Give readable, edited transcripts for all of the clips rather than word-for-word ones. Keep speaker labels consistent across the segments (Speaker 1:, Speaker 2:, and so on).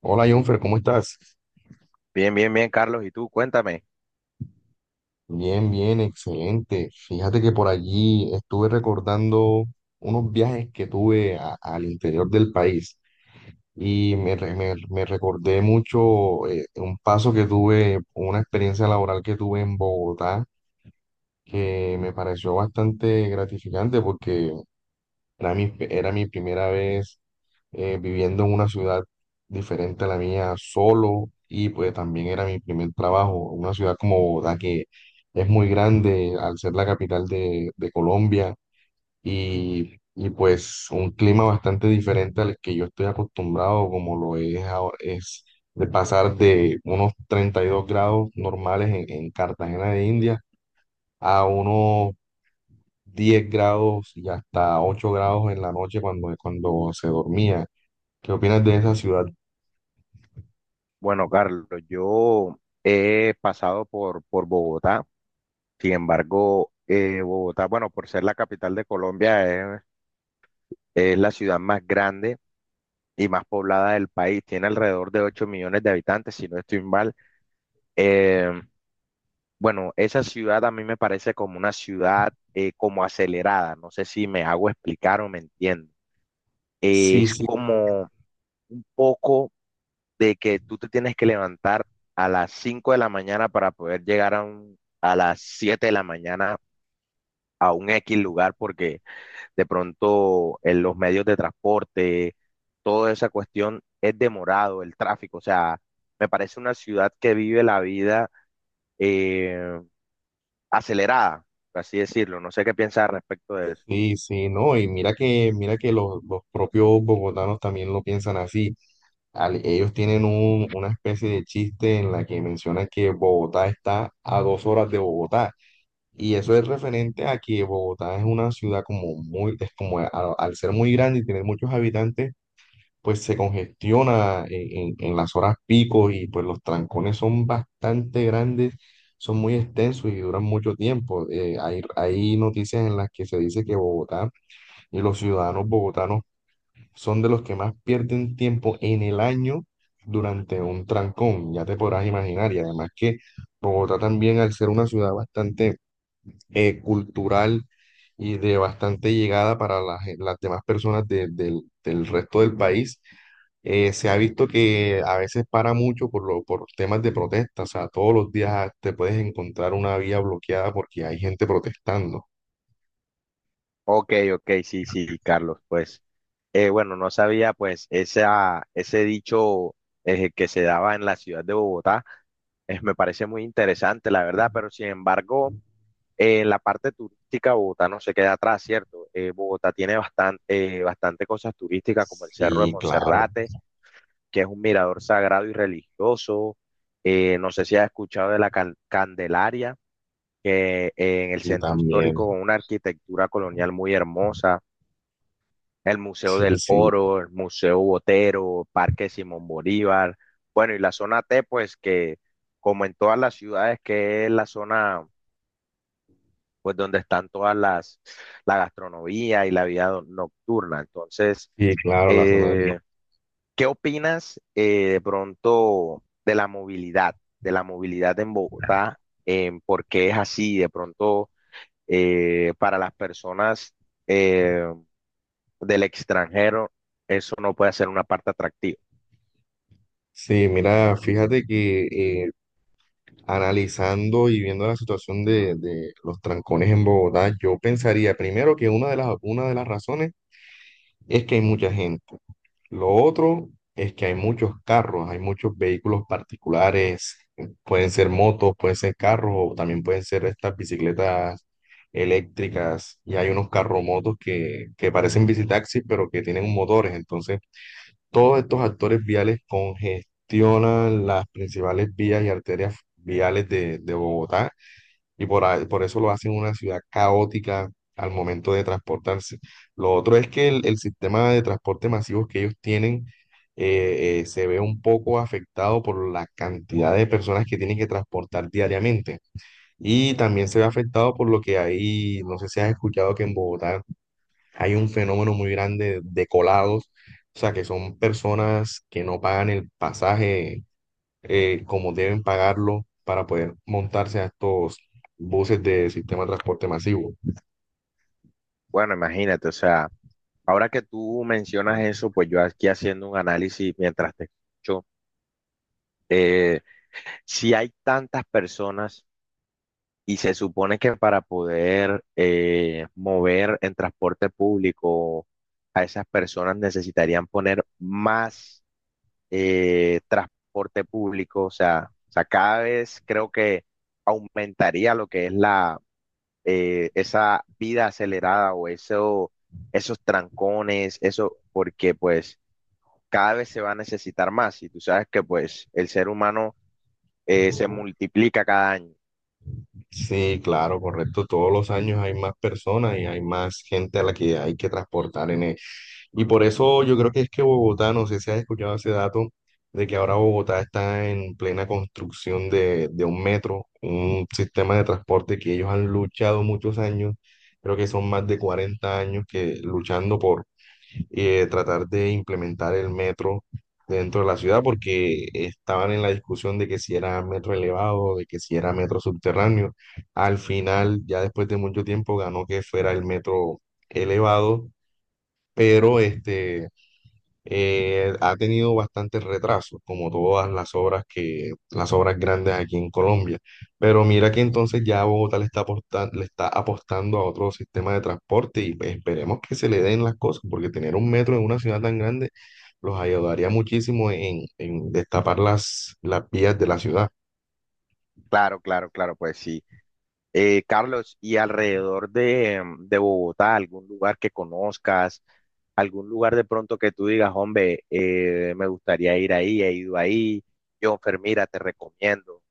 Speaker 1: Hola, Jonfer, ¿cómo estás?
Speaker 2: Bien, bien, bien, Carlos. ¿Y tú? Cuéntame.
Speaker 1: Bien, bien, excelente. Fíjate que por allí estuve recordando unos viajes que tuve al interior del país y me recordé mucho un paso que tuve, una experiencia laboral que tuve en Bogotá que me pareció bastante gratificante porque era mi primera vez viviendo en una ciudad diferente a la mía solo, y pues también era mi primer trabajo, una ciudad como Bogotá que es muy grande al ser la capital de Colombia, y pues un clima bastante diferente al que yo estoy acostumbrado como lo es ahora, es de pasar de unos 32 grados normales en Cartagena de India a unos 10 grados y hasta 8 grados en la noche, cuando se dormía. ¿Qué opinas de esa ciudad?
Speaker 2: Bueno, Carlos, yo he pasado por Bogotá. Sin embargo, Bogotá, bueno, por ser la capital de Colombia, es la ciudad más grande y más poblada del país. Tiene alrededor de 8 millones de habitantes, si no estoy mal. Eh, bueno, esa ciudad a mí me parece como una ciudad como acelerada. No sé si me hago explicar o me entiendo.
Speaker 1: Sí,
Speaker 2: Es
Speaker 1: sí,
Speaker 2: como un poco de que tú te tienes que levantar a las 5 de la mañana para poder llegar a las 7 de la mañana a un X lugar porque de pronto en los medios de transporte, toda esa cuestión es demorado, el tráfico, o sea, me parece una ciudad que vive la vida eh, acelerada, por así decirlo, no sé qué piensas al respecto de eso.
Speaker 1: sí, sí, no, y mira que, los, propios bogotanos también lo piensan así. Ellos tienen una especie de chiste en la que mencionan que Bogotá está a 2 horas de Bogotá. Y eso es referente a que Bogotá es una ciudad como al ser muy grande y tener muchos habitantes, pues se congestiona en las horas pico, y pues los trancones son bastante grandes, son muy extensos y duran mucho tiempo. Hay noticias en las que se dice que Bogotá y los ciudadanos bogotanos son de los que más pierden tiempo en el año durante un trancón, ya te podrás imaginar. Y además, que Bogotá también, al ser una ciudad bastante cultural, y de bastante llegada para las demás personas del resto del país, se ha visto que a veces para mucho por temas de protesta, o sea, todos los días te puedes encontrar una vía bloqueada porque hay gente protestando.
Speaker 2: Ok, ok, sí, sí, Carlos, pues, bueno, no sabía, pues, ese dicho que se daba en la ciudad de Bogotá, me parece muy interesante, la verdad, pero sin embargo, en la parte turística, Bogotá no se queda atrás, ¿cierto? Bogotá tiene bastante, bastante cosas turísticas, como el Cerro de
Speaker 1: Sí, claro,
Speaker 2: Monserrate, que es un mirador sagrado y religioso, no sé si has escuchado de la Candelaria, que en el
Speaker 1: y
Speaker 2: centro
Speaker 1: también,
Speaker 2: histórico, con una arquitectura colonial muy hermosa, el Museo
Speaker 1: sí,
Speaker 2: del
Speaker 1: sí,
Speaker 2: Oro, el Museo Botero, Parque Simón Bolívar, bueno, y la zona T, pues que como en todas las ciudades, que es la zona, pues donde están la gastronomía y la vida nocturna. Entonces,
Speaker 1: sí, claro, la zona del
Speaker 2: eh,
Speaker 1: no.
Speaker 2: ¿qué opinas de pronto de la movilidad en Bogotá, en por qué es así, de pronto para las personas? eh, Del extranjero, eso no puede ser una parte atractiva.
Speaker 1: Sí, mira, fíjate que eh, analizando y viendo la situación de los trancones en Bogotá, yo pensaría primero que una de las razones es que hay mucha gente. Lo otro es que hay muchos carros, hay muchos vehículos particulares, pueden ser motos, pueden ser carros, o también pueden ser estas bicicletas eléctricas, y hay unos carromotos que parecen bicitaxis, pero que tienen motores. Entonces, todos estos actores viales congestionan las principales vías y arterias viales de Bogotá, y por eso lo hacen una ciudad caótica al momento de transportarse. Lo otro es que el sistema de transporte masivo que ellos tienen, se ve un poco afectado por la cantidad de personas que tienen que transportar diariamente. Y también se ve afectado por lo que hay, no sé si has escuchado que en Bogotá hay un fenómeno muy grande de colados, o sea, que son personas que no pagan el pasaje como deben pagarlo para poder montarse a estos buses de sistema de transporte masivo.
Speaker 2: Bueno, imagínate, o sea, ahora que tú mencionas eso, pues yo aquí haciendo un análisis mientras te escucho, eh, si hay tantas personas y se supone que para poder mover en transporte público a esas personas necesitarían poner más transporte público, o sea, cada vez creo que aumentaría lo que es la esa vida acelerada o eso, esos trancones, eso, porque pues cada vez se va a necesitar más y tú sabes que pues el ser humano se multiplica cada año.
Speaker 1: Sí, claro, correcto. Todos los años hay más personas y hay más gente a la que hay que transportar en él. Y por eso yo creo que es que Bogotá, no sé si has escuchado ese dato, de que ahora Bogotá está en plena construcción de un metro, un sistema de transporte que ellos han luchado muchos años. Creo que son más de 40 años que luchando por tratar de implementar el metro dentro de la ciudad, porque estaban en la discusión de que si era metro elevado, de que si era metro subterráneo. Al final, ya después de mucho tiempo, ganó que fuera el metro elevado, pero este ha tenido bastantes retrasos, como todas las obras grandes aquí en Colombia. Pero mira que entonces ya Bogotá le está apostando a otro sistema de transporte, y pues esperemos que se le den las cosas, porque tener un metro en una ciudad tan grande los ayudaría muchísimo en, destapar las vías de la ciudad.
Speaker 2: Claro, claro, claro, pues sí. Carlos, ¿y alrededor de, de Bogotá, algún lugar que conozcas, algún lugar de pronto que tú digas, hombre, me gustaría ir ahí, he ido ahí, Jonfer, mira, te recomiendo?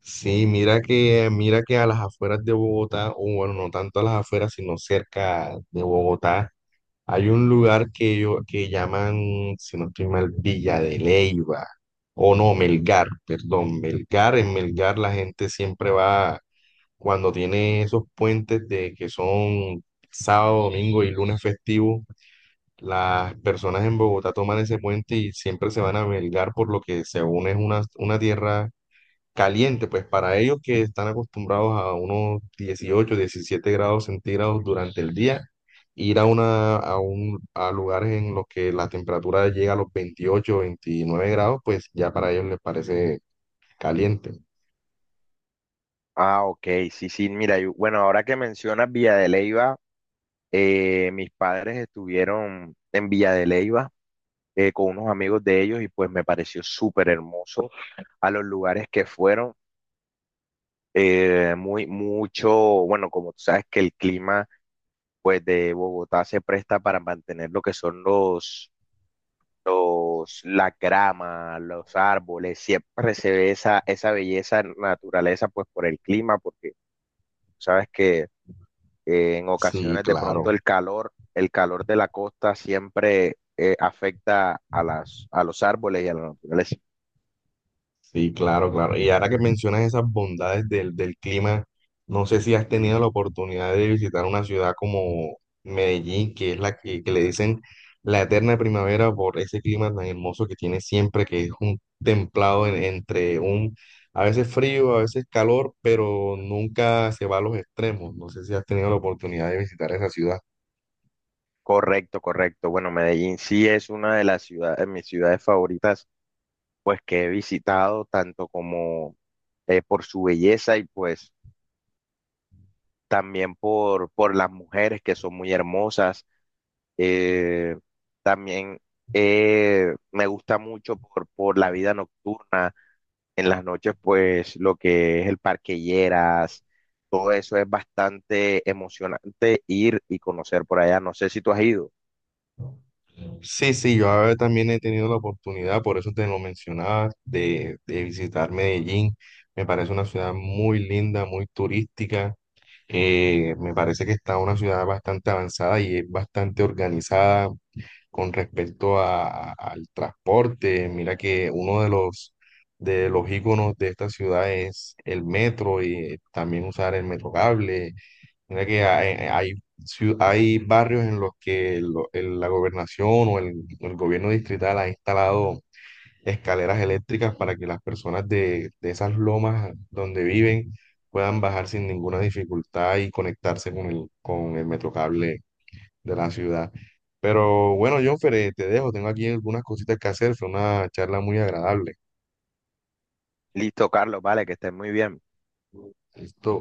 Speaker 1: Sí, mira que, a las afueras de Bogotá, o bueno, no tanto a las afueras, sino cerca de Bogotá, hay un lugar que llaman, si no estoy mal, Villa de Leyva, o no, Melgar, perdón, Melgar. En Melgar la gente siempre va cuando tiene esos puentes de que son sábado, domingo y lunes festivo. Las personas en Bogotá toman ese puente y siempre se van a Melgar, por lo que según es una tierra caliente, pues para ellos que están acostumbrados a unos 18 17 grados centígrados durante el día, ir a, una, a, un, a lugares en los que la temperatura llega a los 28 29 grados, pues ya para ellos les parece caliente.
Speaker 2: Ah, ok, sí, sí, mira, bueno, ahora que mencionas Villa de Leyva, eh, mis padres estuvieron en Villa de Leyva con unos amigos de ellos y pues me pareció súper hermoso a los lugares que fueron. eh, muy, mucho, bueno, como tú sabes que el clima pues de Bogotá se presta para mantener lo que son la grama, los árboles, siempre se ve esa belleza naturaleza pues por el clima, porque tú sabes que en
Speaker 1: Sí,
Speaker 2: ocasiones de
Speaker 1: claro.
Speaker 2: pronto el calor de la costa siempre afecta a a los árboles y a la naturaleza.
Speaker 1: Sí, claro, claro. Y ahora que mencionas esas bondades del clima, no sé si has tenido la oportunidad de visitar una ciudad como Medellín, que es la que le dicen la eterna primavera por ese clima tan hermoso que tiene siempre, que es un templado entre a veces frío, a veces calor, pero nunca se va a los extremos. No sé si has tenido la oportunidad de visitar esa ciudad.
Speaker 2: Correcto, correcto. Bueno, Medellín sí es una de las ciudades, de mis ciudades favoritas que he visitado, tanto como por su belleza y pues también por las mujeres que son muy hermosas. Eh, también me gusta mucho por la vida nocturna. En las noches, pues lo que es el Parque Lleras, todo eso es bastante emocionante ir y conocer por allá. No sé si tú has ido.
Speaker 1: Sí, sí, yo ahora también he tenido la oportunidad, por eso te lo mencionaba, de visitar Medellín. Me parece una ciudad muy linda, muy turística. Me parece que está una ciudad bastante avanzada y es bastante organizada con respecto al transporte. Mira que uno de los íconos de esta ciudad es el metro y también usar el metro cable. Mira que hay barrios en los que la gobernación o el gobierno distrital ha instalado escaleras eléctricas para que las personas de esas lomas donde viven puedan bajar sin ninguna dificultad y conectarse con el metrocable de la ciudad. Pero bueno, Jonfer, te dejo, tengo aquí algunas cositas que hacer, fue una charla muy agradable.
Speaker 2: Listo, Carlos, vale, que estés muy bien.
Speaker 1: Listo.